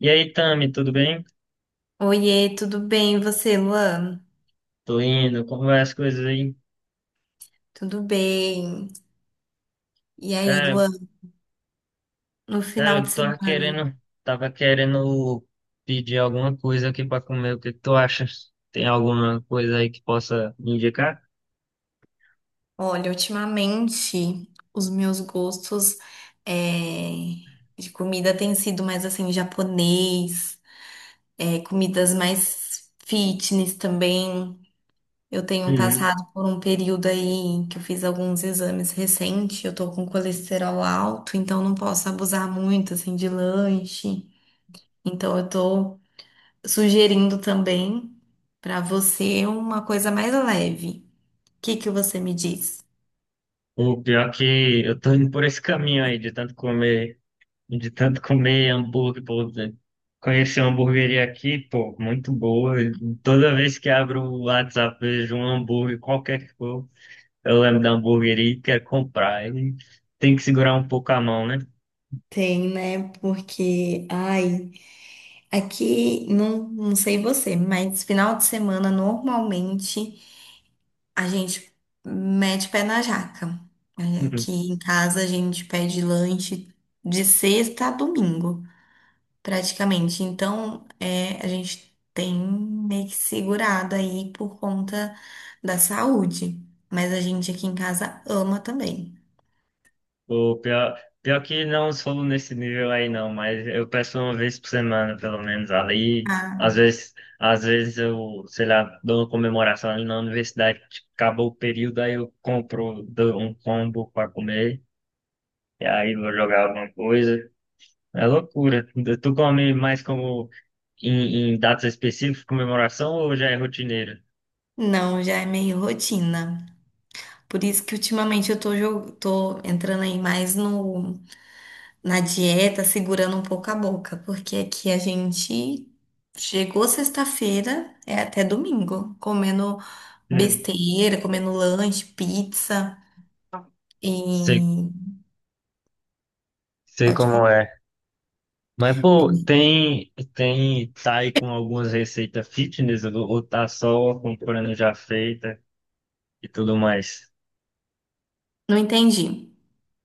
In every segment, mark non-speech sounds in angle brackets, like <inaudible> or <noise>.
E aí, Tami, tudo bem? Oiê, tudo bem? E você, Luan? Tô indo, como vai as coisas aí? Tudo bem? E aí, Cara, Luan, no cara, final de eu semana? Tava querendo pedir alguma coisa aqui pra comer. O que que tu acha? Tem alguma coisa aí que possa me indicar? Olha, ultimamente os meus gostos é, de comida têm sido mais assim, japonês, comidas mais fitness também. Eu tenho Uhum. passado por um período aí que eu fiz alguns exames recentes, eu tô com colesterol alto, então não posso abusar muito assim de lanche. Então eu tô sugerindo também para você uma coisa mais leve. O que que você me diz? O pior é que eu tô indo por esse caminho aí, de tanto comer hambúrguer, pô. Conheci uma hamburgueria aqui, pô, muito boa. Toda vez que abro o WhatsApp, vejo um hambúrguer, qualquer que for. Eu lembro da hamburgueria e quero comprar. E tem que segurar um pouco a mão, né? Tem, né? Porque, ai, aqui, não, não sei você, mas final de semana, normalmente, a gente mete pé na jaca. É, aqui <laughs> em casa, a gente pede lanche de sexta a domingo, praticamente. Então, a gente tem meio que segurado aí por conta da saúde. Mas a gente aqui em casa ama também. O pior, pior que não sou nesse nível aí não, mas eu peço uma vez por semana, pelo menos. Ali, às Ah, vezes, às vezes eu, sei lá, dou uma comemoração ali na universidade, tipo, acabou o período, aí eu compro dou um combo para comer, e aí vou jogar alguma coisa. É loucura. Tu come mais como em datas específicas, comemoração, ou já é rotineiro? não, já é meio rotina. Por isso que ultimamente eu tô entrando aí mais no, na dieta, segurando um pouco a boca, porque aqui a gente chegou sexta-feira, é até domingo, comendo <laughs> besteira, comendo lanche, pizza Sei e. Sei Pode como falar. é. Mas, pô, tem, tá aí com algumas receitas fitness ou tá só comprando já feita e tudo mais? Não entendi.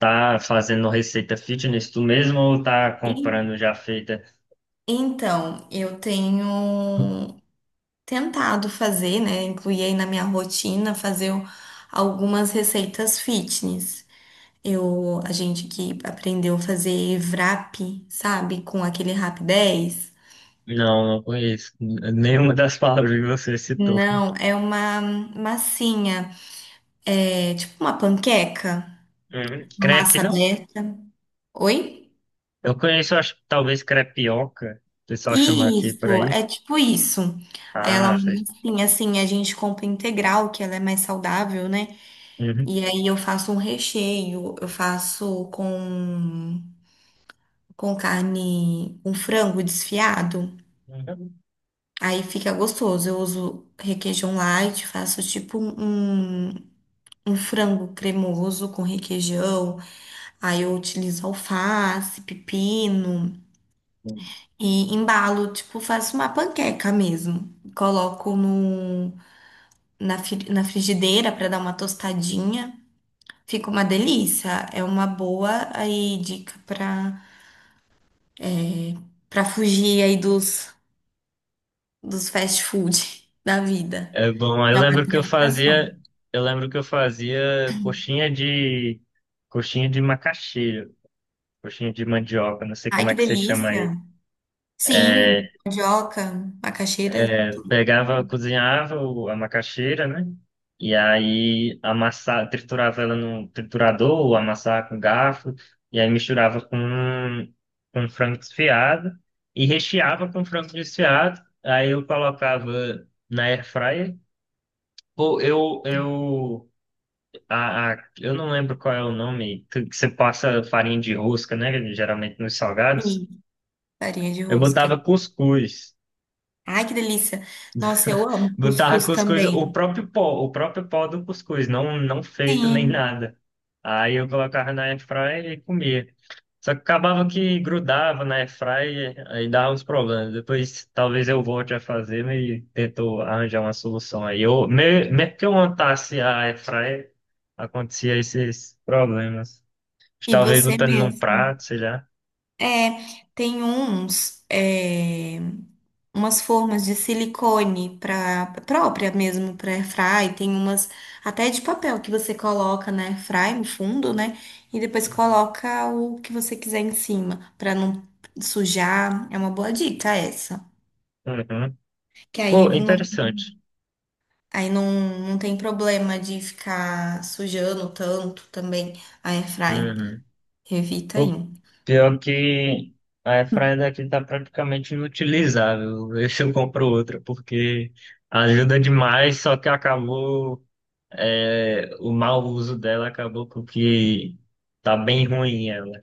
Tá fazendo receita fitness tu mesmo ou tá E comprando já feita? então, eu tenho tentado fazer, né, incluir aí na minha rotina algumas receitas fitness. A gente que aprendeu a fazer wrap, sabe, com aquele Rap 10. Não, não conheço nenhuma das palavras que você citou. Não, é uma massinha, é tipo uma panqueca, Uhum. uma Crepe, massa não? aberta. Oi? Eu conheço, acho, que talvez crepioca, o pessoal chama aqui por Isso, aí. é tipo isso. Aí ela é Ah, uma vocês... massinha, assim, a gente compra integral, que ela é mais saudável, né? Uhum. E aí eu faço um recheio, eu faço com carne, com frango desfiado. Aí fica gostoso. Eu uso requeijão light, faço tipo um frango cremoso com requeijão. Aí eu utilizo alface, pepino Uhum. e embalo, tipo, faço uma panqueca mesmo. Coloco no na, fri- na frigideira para dar uma tostadinha. Fica uma delícia. É uma boa aí dica para fugir aí dos fast food <laughs> da vida. É bom, eu Já é uma lembro que eu tentação. fazia, eu lembro que eu fazia coxinha de macaxeira, coxinha de mandioca, não sei Ai, como que é que você chama aí. delícia! Sim, É, mandioca, macaxeira pegava, cozinhava a macaxeira, né? E aí amassava, triturava ela no triturador, ou amassava com garfo, e aí misturava com frango desfiado e recheava com frango desfiado. Aí eu colocava na air fryer. Pô, eu eu não lembro qual é o nome, que você passa farinha de rosca, né? Geralmente nos salgados. e farinha de Eu rosca. botava cuscuz. Ai, que delícia! Nossa, eu amo Botava cuscuz cuscuz, também. O próprio pó do cuscuz, não, não feito nem Sim, nada. Aí eu colocava na airfryer e comia. Só que acabava que grudava na airfryer, aí dava uns problemas. Depois talvez eu volte a fazer né, e tento arranjar uma solução aí. Eu, mesmo que eu montasse a airfryer, acontecia esses problemas. e Talvez você lutando num mesmo. prato, sei lá. É, tem umas formas de silicone para própria mesmo para airfry, tem umas até de papel que você coloca na airfry no fundo, né? E depois coloca o que você quiser em cima para não sujar. É uma boa dica essa. Uhum. Que aí Pô, não, interessante. aí não, não tem problema de ficar sujando tanto também a airfry. Uhum. Evita aí. Pô, pior que a airfryer daqui tá praticamente inutilizável. <laughs> Vê se eu compro outra, porque ajuda demais, só que acabou... é, o mau uso dela acabou com que tá bem ruim ela.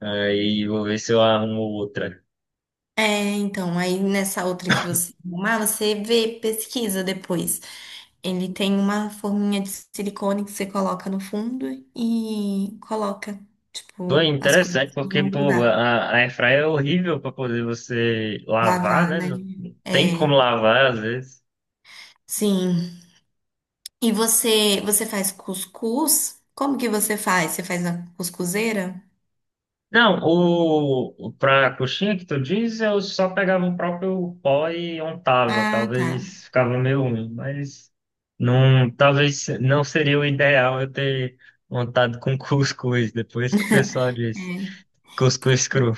Aí vou ver se eu arrumo outra. É, então, aí nessa outra que você arrumar, você vê, pesquisa depois. Ele tem uma forminha de silicone que você coloca no fundo e coloca, Pô, é tipo, as coisas interessante, pra porque não pô, grudar. A airfryer é horrível para poder você lavar, Lavar, né? né? Não tem É, como lavar às vezes. sim. E você faz cuscuz? Como que você faz? Você faz na cuscuzeira? Não, para a coxinha que tu diz, eu só pegava o próprio pó e untava. Ah, tá. Talvez ficava meio ruim, mas não, talvez não seria o ideal eu ter untado com <laughs> cuscuz, depois que o pessoal disse. É. Cuscuz cru.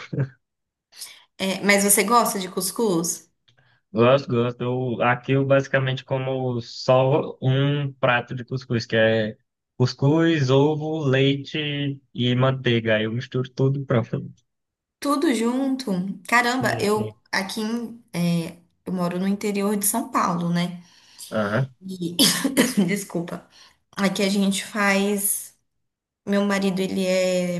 É, mas você gosta de cuscuz? Gosto, gosto. Aqui eu basicamente como só um prato de cuscuz, que é cuscuz, ovo, leite e manteiga. Aí eu misturo tudo e pronto. Tudo junto? Caramba, Sim, eu sim. aqui em, é, eu moro no interior de São Paulo, né? Aham, E- <coughs> desculpa. Aqui a gente faz. Meu marido, ele é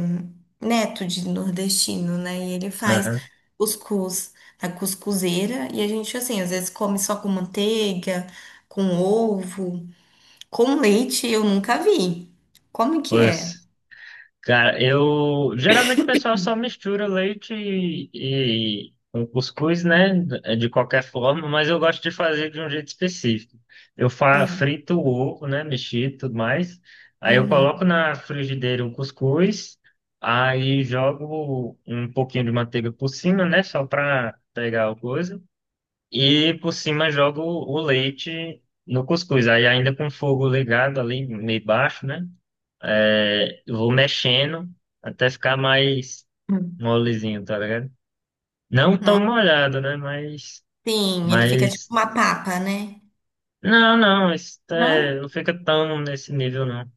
neto de nordestino, né? E ele faz aham. cuscuz na cuscuzeira. E a gente, assim, às vezes come só com manteiga, com ovo, com leite, eu nunca vi. Como que é? Pois. Cara, eu geralmente o pessoal só mistura leite e com cuscuz, né? De qualquer forma, mas eu gosto de fazer de um jeito específico. Eu fa É. frito o ovo, né? Mexido e tudo mais. Aí eu coloco Uhum. na frigideira o cuscuz, aí jogo um pouquinho de manteiga por cima, né? Só para pegar a coisa. E por cima jogo o leite no cuscuz. Aí ainda com o fogo ligado ali, meio baixo, né? É, eu vou mexendo até ficar mais Hum. molezinho, tá ligado? Não tão Não. molhado, né? Mas, Sim, ele fica tipo mas, uma papa, né? não, não, isso Não? é, não fica tão nesse nível, não.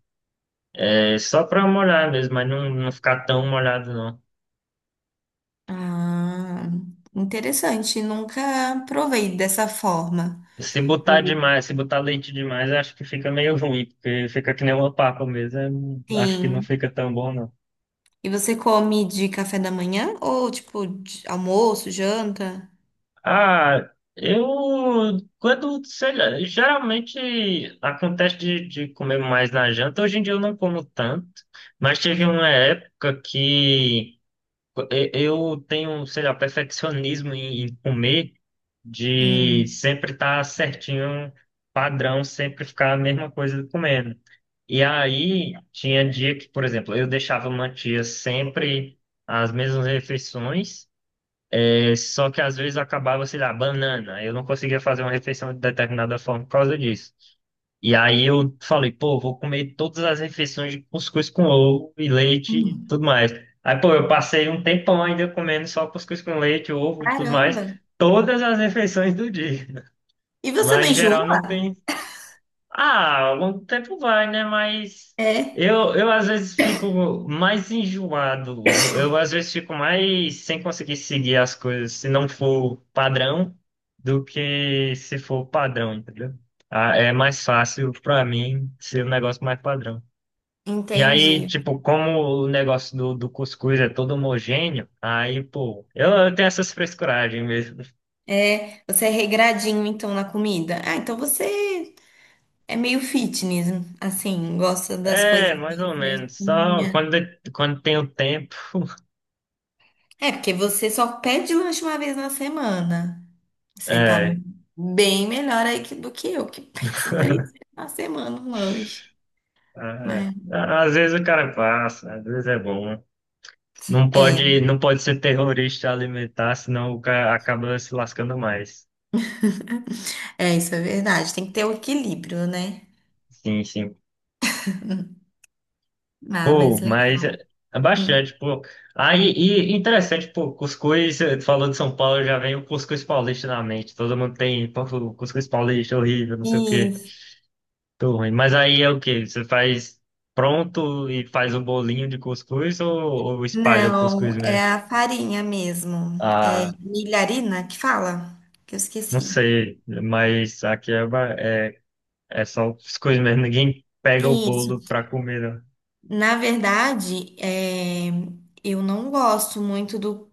É só pra molhar mesmo, mas não, não ficar tão molhado, não. Ah, interessante. Nunca provei dessa forma. Se botar demais, se botar leite demais, eu acho que fica meio ruim, porque fica que nem uma papa mesmo. Eu não- acho que não Sim. fica tão bom, não. E você come de café da manhã ou tipo de almoço, janta? Ah, eu quando, sei lá, geralmente acontece de comer mais na janta. Hoje em dia eu não como tanto, mas teve uma época que eu tenho, sei lá, perfeccionismo em comer, de Hum. sempre estar certinho, padrão, sempre ficar a mesma coisa comendo. E aí tinha dia que, por exemplo, eu deixava mantia sempre as mesmas refeições. Só que às vezes eu acabava, sei lá, banana. Eu não conseguia fazer uma refeição de determinada forma por causa disso. E aí eu falei, pô, vou comer todas as refeições de cuscuz com ovo e leite e Hum. tudo mais. Aí, pô, eu passei um tempão ainda comendo só cuscuz com leite, ovo e tudo mais, Caramba! todas as refeições do dia. E você não Mas em geral não enjoa? tem ah, o tempo vai, né? Mas É, eu às vezes fico mais enjoado. Eu às vezes fico mais sem conseguir seguir as coisas se não for padrão do que se for padrão, entendeu? Ah, é mais fácil pra mim ser um negócio mais padrão. E aí, entendi. tipo, como o negócio do cuscuz é todo homogêneo, aí, pô, eu tenho essas frescuragens mesmo. É, você é regradinho então na comida. Ah, então você é meio fitness, assim, gosta das coisas É, mais ou mais menos. Só certinhas. quando, quando tenho tempo. É, porque você só pede lanche uma vez na semana. Você tá é, bem melhor aí do que eu, que <laughs> peço 3 vezes na semana um lanche. É, Né? é. Às vezes o cara passa, às vezes é bom. Né? Não É. pode, não pode ser terrorista alimentar, senão o cara acaba se lascando mais. É, isso é verdade. Tem que ter o equilíbrio, né? Sim, sim. Ah, mas Pô, mas é legal. é Hum. bastante, pô. Aí, e interessante, pô, cuscuz, falando de São Paulo, já vem o cuscuz paulista na mente. Todo mundo tem, pô, cuscuz paulista horrível, não sei o quê. Isso. Tô ruim. Mas aí é o quê? Você faz pronto e faz um bolinho de cuscuz ou espalha o cuscuz Não, é mesmo? a farinha mesmo. É Ah. milharina que fala? Que eu Não esqueci. sei, mas aqui é, é só as coisas mesmo. Ninguém pega o Isso. bolo pra comer, não. Na verdade, eu não gosto muito do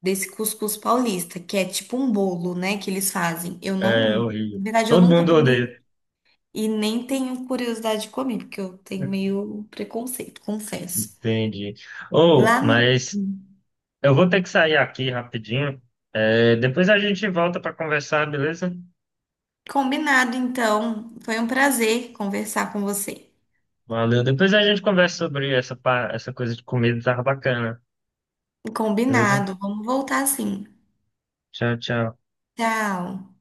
desse cuscuz paulista, que é tipo um bolo, né, que eles fazem. Eu É não, na horrível. verdade, eu Todo nunca mundo comi odeia. e nem tenho curiosidade de comer, porque eu tenho meio preconceito, confesso. Entendi. Ou, Lá, mas eu vou ter que sair aqui rapidinho. É, depois a gente volta pra conversar, beleza? combinado, então. Foi um prazer conversar com você. Valeu. Depois a gente conversa sobre essa, essa coisa de comida, tava bacana. Beleza? Combinado. Vamos voltar sim. Tchau, tchau. Tchau.